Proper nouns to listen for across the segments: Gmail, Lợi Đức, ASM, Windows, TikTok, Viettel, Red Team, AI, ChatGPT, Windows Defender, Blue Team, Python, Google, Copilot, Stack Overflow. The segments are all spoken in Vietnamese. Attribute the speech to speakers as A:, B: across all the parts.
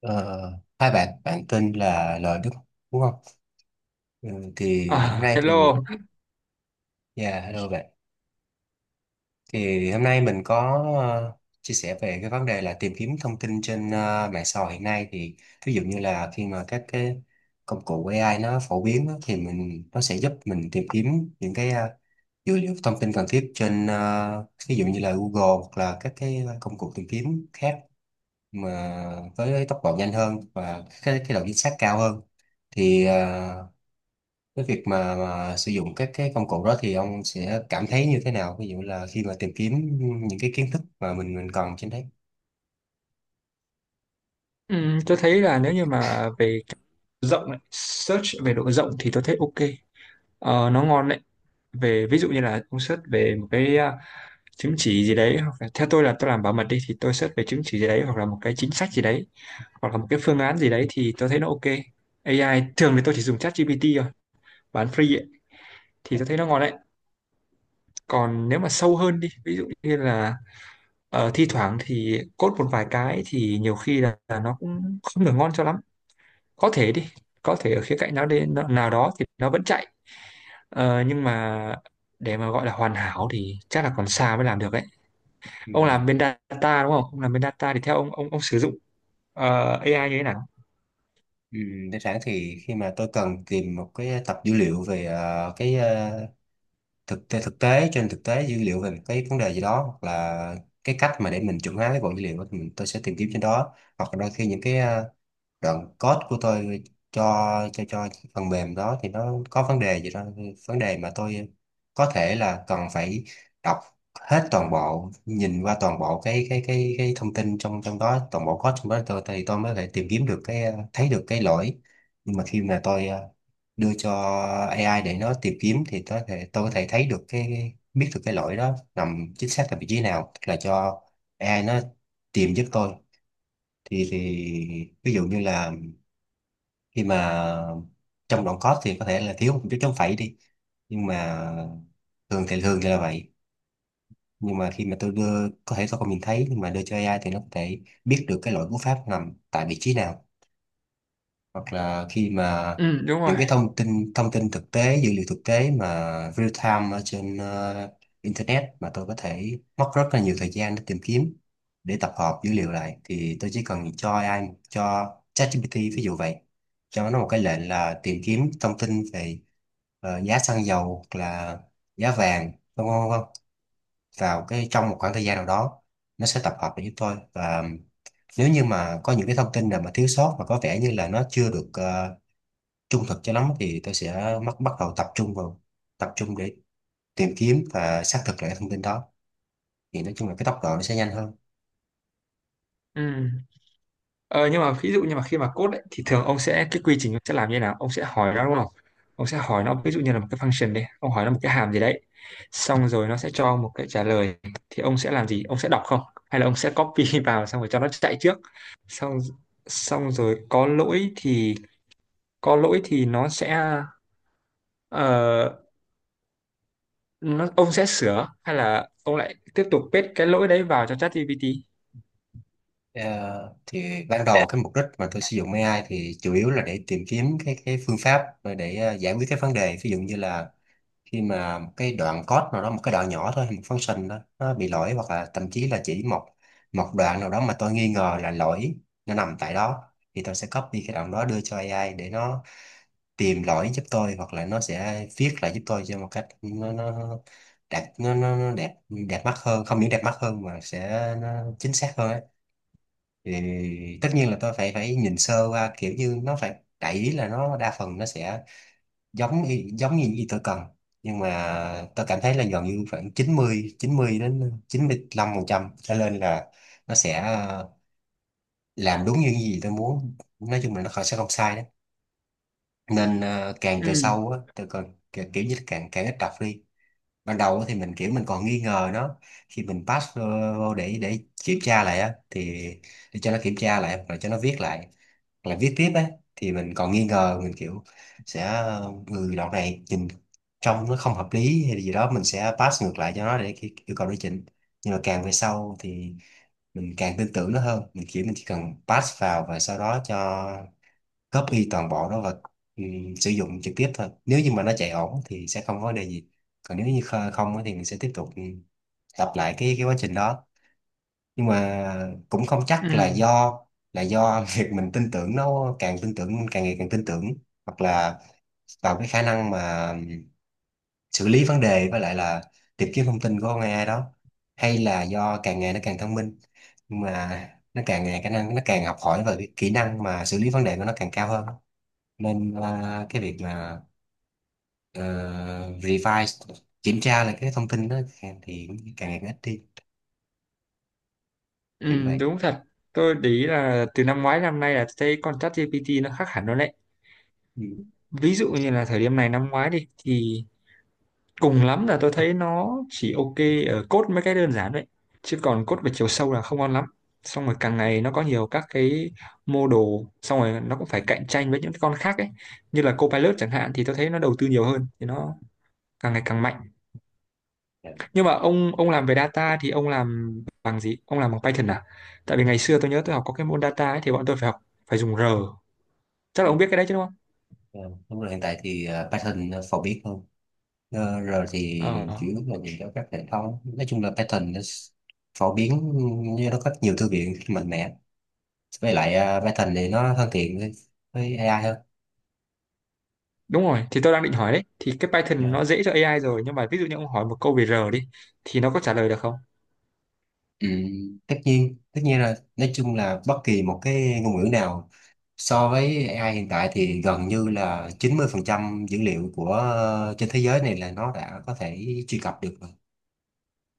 A: Ờ, hai bạn bạn tên là Lợi Đức đúng không? Ừ, thì hôm
B: À,
A: nay thì
B: hello.
A: dạ hello bạn. Thì hôm nay mình có chia sẻ về cái vấn đề là tìm kiếm thông tin trên mạng xã hội hiện nay thì, ví dụ như là khi mà các cái công cụ AI nó phổ biến á, thì mình nó sẽ giúp mình tìm kiếm những cái dữ liệu thông tin cần thiết trên, ờ, ví dụ như là Google hoặc là các cái công cụ tìm kiếm khác, mà với tốc độ nhanh hơn và cái độ chính xác cao hơn. Thì cái việc mà sử dụng các cái công cụ đó thì ông sẽ cảm thấy như thế nào, ví dụ là khi mà tìm kiếm những cái kiến thức mà mình cần trên đấy.
B: Tôi thấy là nếu như mà về rộng ấy, search về độ rộng thì tôi thấy ok. Ờ, nó ngon đấy. Về ví dụ như là ông search về một cái à, chứng chỉ gì đấy, hoặc là, theo tôi là tôi làm bảo mật đi thì tôi search về chứng chỉ gì đấy hoặc là một cái chính sách gì đấy hoặc là một cái phương án gì đấy thì tôi thấy nó ok. AI thường thì tôi chỉ dùng ChatGPT thôi, bán free ấy, thì
A: Dạ.
B: tôi thấy nó ngon đấy. Còn nếu mà sâu hơn đi, ví dụ như là thi thoảng thì code một vài cái thì nhiều khi là nó cũng không được ngon cho lắm, có thể đi, có thể ở khía cạnh nào đến nào đó thì nó vẫn chạy. Nhưng mà để mà gọi là hoàn hảo thì chắc là còn xa mới làm được ấy.
A: Ừ.
B: Ông làm bên data đúng không, ông làm bên data thì theo ông, ông sử dụng AI như thế nào?
A: Ừ. Đơn giản thì khi mà tôi cần tìm một cái tập dữ liệu về cái thực tế dữ liệu về một cái vấn đề gì đó, hoặc là cái cách mà để mình chuẩn hóa cái bộ dữ liệu đó, thì tôi sẽ tìm kiếm trên đó. Hoặc là đôi khi những cái đoạn code của tôi cho cho phần mềm đó thì nó có vấn đề gì đó, vấn đề mà tôi có thể là cần phải đọc hết toàn bộ, nhìn qua toàn bộ cái thông tin trong trong đó, toàn bộ code trong đó, tôi mới thể tìm kiếm được cái, thấy được cái lỗi. Nhưng mà khi mà tôi đưa cho AI để nó tìm kiếm thì tôi có thể thấy được cái, biết được cái lỗi đó nằm chính xác là vị trí nào, là cho AI nó tìm giúp tôi. Thì ví dụ như là khi mà trong đoạn code thì có thể là thiếu một chút chống phẩy đi, nhưng mà thường thì là vậy. Nhưng mà khi mà tôi đưa có thể tôi không nhìn thấy, nhưng mà đưa cho AI thì nó có thể biết được cái lỗi cú pháp nằm tại vị trí nào. Hoặc là khi mà
B: Ừ, đúng rồi.
A: những cái thông tin thực tế, dữ liệu thực tế mà real time ở trên, ờ, internet, mà tôi có thể mất rất là nhiều thời gian để tìm kiếm, để tập hợp dữ liệu lại, thì tôi chỉ cần cho AI, cho ChatGPT ví dụ vậy, cho nó một cái lệnh là tìm kiếm thông tin về giá xăng dầu, hoặc là giá vàng, vân vân vân vào trong một khoảng thời gian nào đó, nó sẽ tập hợp lại giúp tôi. Và nếu như mà có những cái thông tin nào mà thiếu sót và có vẻ như là nó chưa được trung thực cho lắm, thì tôi sẽ bắt bắt đầu tập trung vào, tập trung để tìm kiếm và xác thực lại cái thông tin đó. Thì nói chung là cái tốc độ nó sẽ nhanh hơn.
B: Ừ. Ờ, nhưng mà ví dụ như mà khi mà code ấy, thì thường ông sẽ, cái quy trình ông sẽ làm như thế nào, ông sẽ hỏi nó đúng không, ông sẽ hỏi nó ví dụ như là một cái function đi, ông hỏi nó một cái hàm gì đấy, xong rồi nó sẽ cho một cái trả lời, thì ông sẽ làm gì, ông sẽ đọc không, hay là ông sẽ copy vào xong rồi cho nó chạy trước, xong xong rồi có lỗi thì nó sẽ, ờ, nó ông sẽ sửa hay là ông lại tiếp tục paste cái lỗi đấy vào cho ChatGPT?
A: Ờ, thì ban đầu cái mục đích mà tôi sử dụng AI thì chủ yếu là để tìm kiếm cái phương pháp để giải quyết cái vấn đề. Ví dụ như là khi mà một cái đoạn code nào đó, một cái đoạn nhỏ thôi, một function đó nó bị lỗi, hoặc là thậm chí là chỉ một một đoạn nào đó mà tôi nghi ngờ là lỗi nó nằm tại đó, thì tôi sẽ copy cái đoạn đó đưa cho AI để nó tìm lỗi giúp tôi, hoặc là nó sẽ viết lại giúp tôi cho một cách nó đẹp, nó đẹp, đẹp mắt hơn. Không những đẹp mắt hơn mà sẽ nó chính xác hơn ấy. Thì tất nhiên là tôi phải phải nhìn sơ qua, kiểu như nó phải đại ý là nó đa phần nó sẽ giống như y tôi cần. Nhưng mà tôi cảm thấy là gần như khoảng chín mươi đến 95 phần trăm trở lên là nó sẽ làm đúng như những gì tôi muốn, nói chung là nó sẽ không sai đấy. Nên càng
B: Ừ.
A: về sau á tôi còn kiểu, kiểu như là càng càng ít đọc đi. Ban đầu thì mình kiểu mình còn nghi ngờ nó, khi mình pass vô vô để kiểm tra lại á, thì để cho nó kiểm tra lại rồi cho nó viết lại hoặc là viết tiếp á, thì mình còn nghi ngờ, mình kiểu sẽ người đoạn này nhìn trông nó không hợp lý hay gì đó, mình sẽ pass ngược lại cho nó để yêu cầu nó chỉnh. Nhưng mà càng về sau thì mình càng tin tưởng nó hơn, mình kiểu mình chỉ cần pass vào và sau đó cho copy toàn bộ đó và, ừ, sử dụng trực tiếp thôi. Nếu như mà nó chạy ổn thì sẽ không có vấn đề gì, còn nếu như không á thì mình sẽ tiếp tục, lặp lại cái quá trình đó. Nhưng mà cũng không
B: Ừ.
A: chắc là do việc mình tin tưởng nó, càng tin tưởng, càng ngày càng tin tưởng, hoặc là vào cái khả năng mà xử lý vấn đề với lại là tìm kiếm thông tin của con AI đó, hay là do càng ngày nó càng thông minh. Nhưng mà nó càng ngày khả năng nó càng học hỏi và cái kỹ năng mà xử lý vấn đề của nó càng cao hơn, nên là cái việc mà ờ, revise, kiểm tra lại cái thông tin đó thì càng ngày càng ít đi, kiểu
B: Ừ,
A: vậy.
B: đúng thật. Tôi để ý là từ năm ngoái năm nay là thấy con ChatGPT nó khác hẳn rồi đấy.
A: Ừ.
B: Ví dụ như là thời điểm này năm ngoái đi thì cùng lắm là tôi thấy nó chỉ ok ở code mấy cái đơn giản đấy. Chứ còn code về chiều sâu là không ngon lắm. Xong rồi càng ngày nó có nhiều các cái mô đồ, xong rồi nó cũng phải cạnh tranh với những cái con khác ấy. Như là Copilot chẳng hạn thì tôi thấy nó đầu tư nhiều hơn thì nó càng ngày càng mạnh.
A: Dạ.
B: Nhưng mà ông làm về data thì ông làm bằng gì? Ông làm bằng Python à? Tại vì ngày xưa tôi nhớ tôi học có cái môn data ấy, thì bọn tôi phải học, phải dùng R. Chắc là
A: Ừ.
B: ông biết cái đấy chứ đúng không?
A: Ờ, Đúng rồi, hiện tại thì Python nó phổ biến hơn. Ờ, rồi thì
B: Ờ,
A: chủ yếu là nhìn cho các hệ thống, nói chung là Python nó phổ biến, như nó có nhiều thư viện mạnh mẽ, với lại Python thì nó thân thiện với AI hơn.
B: đúng rồi. Thì tôi đang định hỏi đấy. Thì cái Python nó
A: Dạ.
B: dễ cho AI rồi, nhưng mà ví dụ như ông hỏi một câu về R đi thì nó có trả lời được không?
A: ừ, Tất nhiên, rồi, nói chung là bất kỳ một cái ngôn ngữ nào. So với AI hiện tại thì gần như là 90% dữ liệu của, ờ, trên thế giới này là nó đã có thể truy cập được rồi.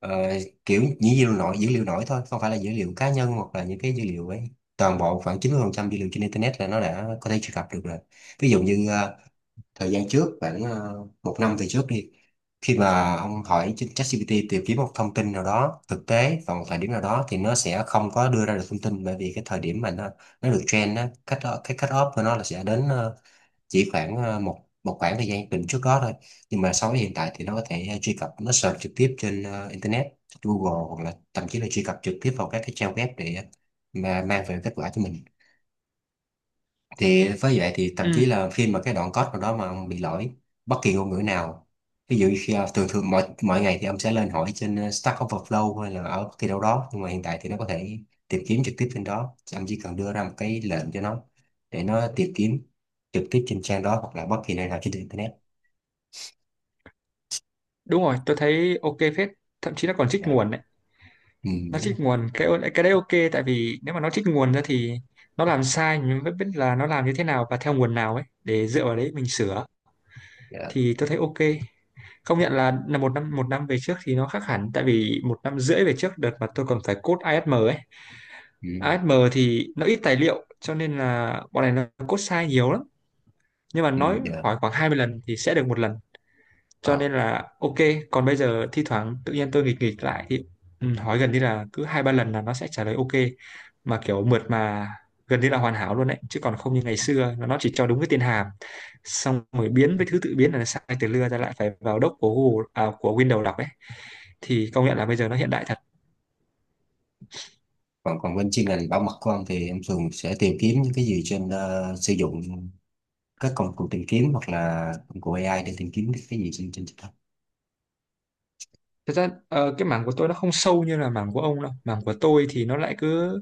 A: Ờ, kiểu dữ liệu nổi thôi, không phải là dữ liệu cá nhân hoặc là những cái dữ liệu ấy. Toàn bộ khoảng 90% dữ liệu trên Internet là nó đã có thể truy cập được rồi. Ví dụ như thời gian trước khoảng 1 năm về trước đi, khi mà ông hỏi trên ChatGPT tìm kiếm một thông tin nào đó thực tế vào một thời điểm nào đó, thì nó sẽ không có đưa ra được thông tin, bởi vì cái thời điểm mà nó được trend á, cách cái cut off của nó là sẽ đến chỉ khoảng một một khoảng thời gian định trước đó thôi. Nhưng mà so với hiện tại thì nó có thể truy cập, nó search trực tiếp trên, ờ, internet, Google, hoặc là thậm chí là truy cập trực tiếp vào các cái trang web để mà mang về kết quả cho mình. Thì với vậy thì thậm
B: Ừ,
A: chí là khi mà cái đoạn code nào đó mà ông bị lỗi, bất kỳ ngôn ngữ nào, ví dụ thường thường mọi mọi ngày thì ông sẽ lên hỏi trên, ờ, Stack Overflow hay là ở bất kỳ đâu đó, nhưng mà hiện tại thì nó có thể tìm kiếm trực tiếp trên đó. Chứ ông chỉ cần đưa ra một cái lệnh cho nó để nó tìm kiếm trực tiếp trên trang đó hoặc là bất kỳ nơi nào trên internet.
B: đúng rồi. Tôi thấy ok phết. Thậm chí nó còn trích
A: Dạ.
B: nguồn đấy.
A: Ừ,
B: Nó
A: Đúng rồi.
B: trích nguồn cái đấy ok, tại vì nếu mà nó trích nguồn ra thì nó làm sai mình mới biết là nó làm như thế nào và theo nguồn nào ấy, để dựa vào đấy mình sửa.
A: Dạ.
B: Thì tôi thấy ok. Công nhận là một năm về trước thì nó khác hẳn, tại vì một năm rưỡi về trước đợt mà tôi còn phải code ASM ấy.
A: ừ,
B: ASM thì nó ít tài liệu cho nên là bọn này nó code sai nhiều lắm, nhưng mà
A: ừ,
B: nói
A: dạ.
B: hỏi khoảng 20 lần thì sẽ được một lần, cho
A: Ờ.
B: nên là ok. Còn bây giờ thi thoảng tự nhiên tôi nghịch nghịch lại thì ừ, hỏi gần như là cứ hai ba lần là nó sẽ trả lời ok, mà kiểu mượt mà, gần như là hoàn hảo luôn đấy, chứ còn không như ngày xưa là nó chỉ cho đúng cái tên hàm, xong rồi biến với thứ tự biến là sai từ lưa ra, lại phải vào đốc của Google à, của Windows đọc ấy. Thì công nhận là bây giờ nó hiện đại thật.
A: Còn còn bên chuyên ngành bảo mật của ông thì em thường sẽ tìm kiếm những cái gì trên, ờ, sử dụng các công cụ tìm kiếm hoặc là công cụ AI để tìm kiếm cái gì trên trên TikTok.
B: Thật ra cái mảng của tôi nó không sâu như là mảng của ông đâu. Mảng của tôi thì nó lại cứ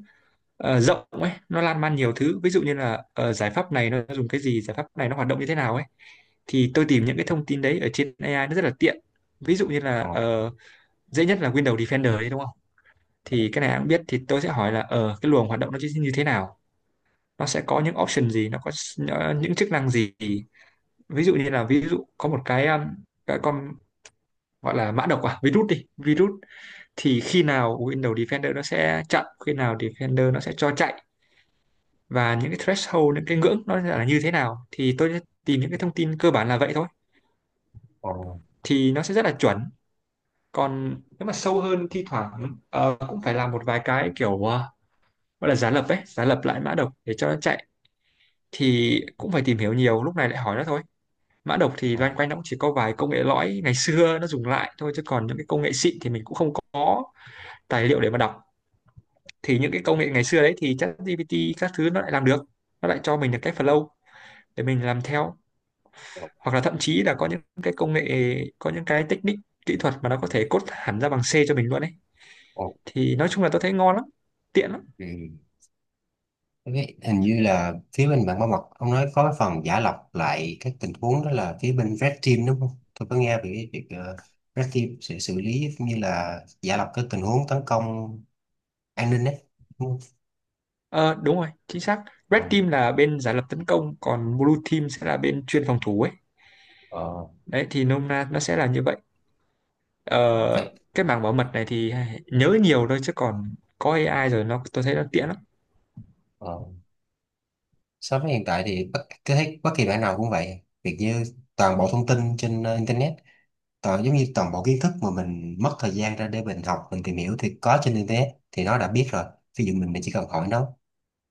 B: rộng ấy, nó lan man nhiều thứ. Ví dụ như là ờ, giải pháp này nó dùng cái gì, giải pháp này nó hoạt động như thế nào ấy. Thì tôi tìm những cái thông tin đấy ở trên AI nó rất là tiện. Ví dụ như là
A: Ờ,
B: dễ nhất là Windows Defender đấy đúng không? Thì cái này ai cũng biết, thì tôi sẽ hỏi là ờ, cái luồng hoạt động nó như thế nào? Nó sẽ có những option gì, nó có những chức năng gì? Ví dụ như là, ví dụ có một cái con gọi là mã độc à, virus đi, virus, thì khi nào Windows Defender nó sẽ chặn, khi nào Defender nó sẽ cho chạy, và những cái threshold, những cái ngưỡng nó là như thế nào, thì tôi sẽ tìm những cái thông tin cơ bản là vậy thôi,
A: ờ,
B: thì nó sẽ rất là chuẩn. Còn nếu mà sâu hơn thi thoảng cũng phải làm một vài cái kiểu gọi là giả lập ấy, giả lập lại mã độc để cho nó chạy, thì cũng phải tìm hiểu, nhiều lúc này lại hỏi nó thôi. Mã độc thì
A: ờ,
B: loanh quanh nó cũng chỉ có vài công nghệ lõi ngày xưa nó dùng lại thôi, chứ còn những cái công nghệ xịn thì mình cũng không có tài liệu để mà đọc. Thì những cái công nghệ ngày xưa đấy thì ChatGPT các thứ nó lại làm được, nó lại cho mình được cái flow để mình làm theo,
A: ờ,
B: hoặc là thậm chí là có những cái công nghệ, có những cái technique kỹ thuật mà nó có thể code hẳn ra bằng C cho mình luôn ấy.
A: ok.
B: Thì nói chung là tôi thấy ngon lắm, tiện lắm.
A: Ok, hình như là phía bên bạn Bảo Mật ông nói có phần giả lọc lại các tình huống đó là phía bên Red Team đúng không? Tôi có nghe về cái việc Red Team sẽ xử lý cũng như là giả lọc các tình huống tấn công an ninh đấy. Đúng không?
B: Ờ, đúng rồi, chính xác.
A: Ờ,
B: Red Team là bên giả lập tấn công, còn Blue Team sẽ là bên chuyên phòng thủ ấy.
A: Ờ, ờ,
B: Đấy, thì nôm na nó sẽ là như vậy. ờ,
A: ờ, Vậy
B: cái mảng bảo mật này thì nhớ nhiều thôi, chứ còn có AI rồi nó, tôi thấy nó tiện lắm.
A: ờ, so với hiện tại thì tôi thấy bất kỳ bạn nào cũng vậy. Việc như toàn bộ thông tin trên, ờ, internet, toàn giống như toàn bộ kiến thức mà mình mất thời gian ra để mình học, mình tìm hiểu thì có trên internet thì nó đã biết rồi, ví dụ mình chỉ cần hỏi nó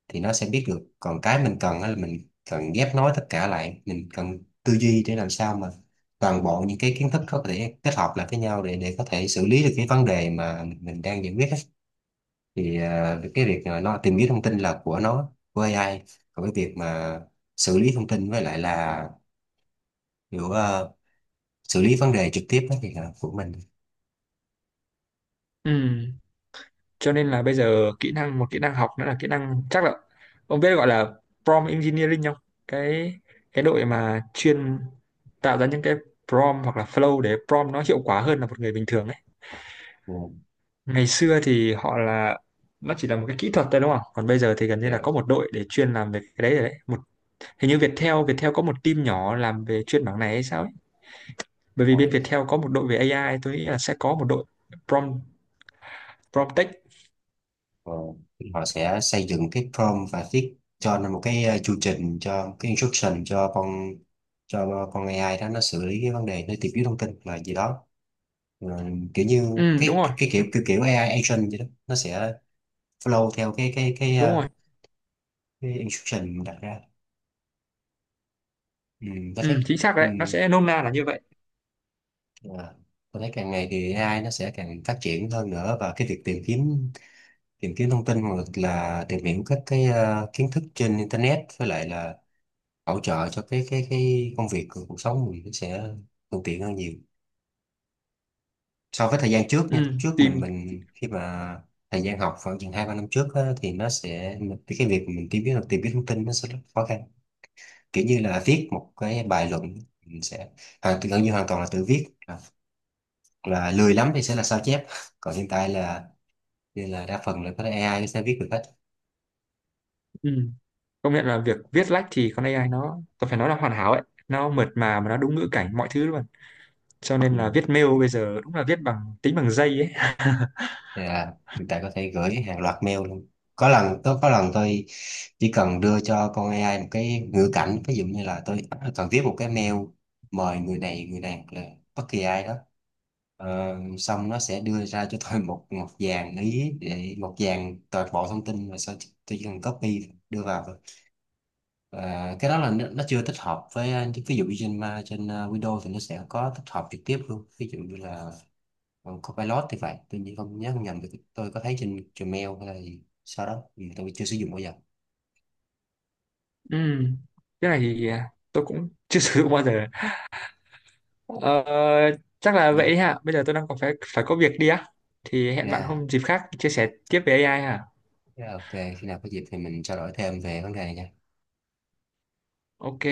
A: thì nó sẽ biết được. Còn cái mình cần á là mình cần ghép nối tất cả lại, mình cần tư duy để làm sao mà toàn bộ những cái kiến thức có thể kết hợp lại với nhau để có thể xử lý được cái vấn đề mà mình đang giải quyết á. Thì cái việc mà nó tìm kiếm thông tin là của nó, của AI. Còn cái việc mà xử lý thông tin với lại là kiểu xử lý vấn đề trực tiếp á thì là của mình.
B: Ừ, cho nên là bây giờ kỹ năng, một kỹ năng học nữa là kỹ năng, chắc là ông biết gọi là prompt engineering không? Cái, cái đội mà chuyên tạo ra những cái prompt hoặc là flow để prompt nó hiệu quả hơn là một người bình thường ấy.
A: Ừ.
B: Ngày xưa thì họ là, nó chỉ là một cái kỹ thuật thôi đúng không, còn bây giờ thì gần như là có một đội để chuyên làm về cái đấy rồi đấy. Một, hình như Viettel Viettel có một team nhỏ làm về chuyên mảng này hay sao ấy, bởi vì bên
A: Dạ.
B: Viettel có một đội về AI, tôi nghĩ là sẽ có một đội prompt, prompt tech.
A: Ờ, họ sẽ xây dựng cái prompt và viết cho nó một cái chu trình, cho cái instruction cho con AI đó nó xử lý cái vấn đề, nó tìm kiếm thông tin là gì đó. Ờ, kiểu như
B: Ừ, đúng rồi.
A: cái kiểu kiểu, kiểu AI agent vậy đó, nó sẽ flow theo cái
B: Đúng rồi.
A: cái instruction mình đặt ra. ừ, tôi
B: Ừ,
A: thấy,
B: chính xác
A: ừ,
B: rồi đấy, nó sẽ nôm na là như vậy.
A: à, tôi thấy càng ngày thì AI nó sẽ càng phát triển hơn nữa, và cái việc tìm kiếm thông tin hoặc là tìm hiểu các cái, ờ, kiến thức trên internet, với lại là hỗ trợ cho cái công việc cuộc sống mình, nó sẽ thuận tiện hơn nhiều so với thời gian trước nha.
B: Ừ,
A: Lúc trước
B: tìm.
A: mình khi mà thời gian học khoảng chừng 2 3 năm trước á, thì nó sẽ cái việc mình tìm kiếm thông tin nó sẽ rất khó khăn, kiểu như là viết một cái bài luận, mình sẽ gần như hoàn toàn là tự viết, hoặc là lười lắm thì sẽ là sao chép. Còn hiện tại là như là đa phần là có thể AI nó sẽ viết được hết.
B: Ừ. Công nhận là việc viết lách thì con AI nó, tôi phải nói là hoàn hảo ấy, nó mượt mà nó đúng ngữ cảnh mọi thứ luôn, cho
A: Ừ.
B: nên là viết mail bây giờ đúng là viết bằng tính bằng dây ấy.
A: Dạ, hiện tại có thể gửi hàng loạt mail luôn. Có lần tôi chỉ cần đưa cho con AI một cái ngữ cảnh, ví dụ như là tôi cần viết một cái mail mời người này hoặc là bất kỳ ai đó. Ờ, xong nó sẽ đưa ra cho tôi một một dàn ý, để một dàn toàn bộ thông tin, và sau tôi chỉ cần copy đưa vào thôi. Và cái đó là nó chưa tích hợp với, ờ, ví dụ như trên, ờ, Windows thì nó sẽ có tích hợp trực tiếp luôn, ví dụ như là Copilot thì vậy, tôi nhớ không nhầm thì tôi có thấy trên Gmail hay là gì sau đó, tôi chưa sử dụng bao giờ
B: Ừ. Cái này thì à, tôi cũng chưa sử dụng bao giờ. Ờ, chắc là
A: nhé.
B: vậy hả, bây giờ tôi đang còn phải, phải có việc đi á, thì hẹn bạn
A: Yeah.
B: hôm dịp khác chia sẻ tiếp về AI hả.
A: Yeah. ok, khi nào có dịp thì mình trao đổi thêm về vấn đề này nha.
B: Ok.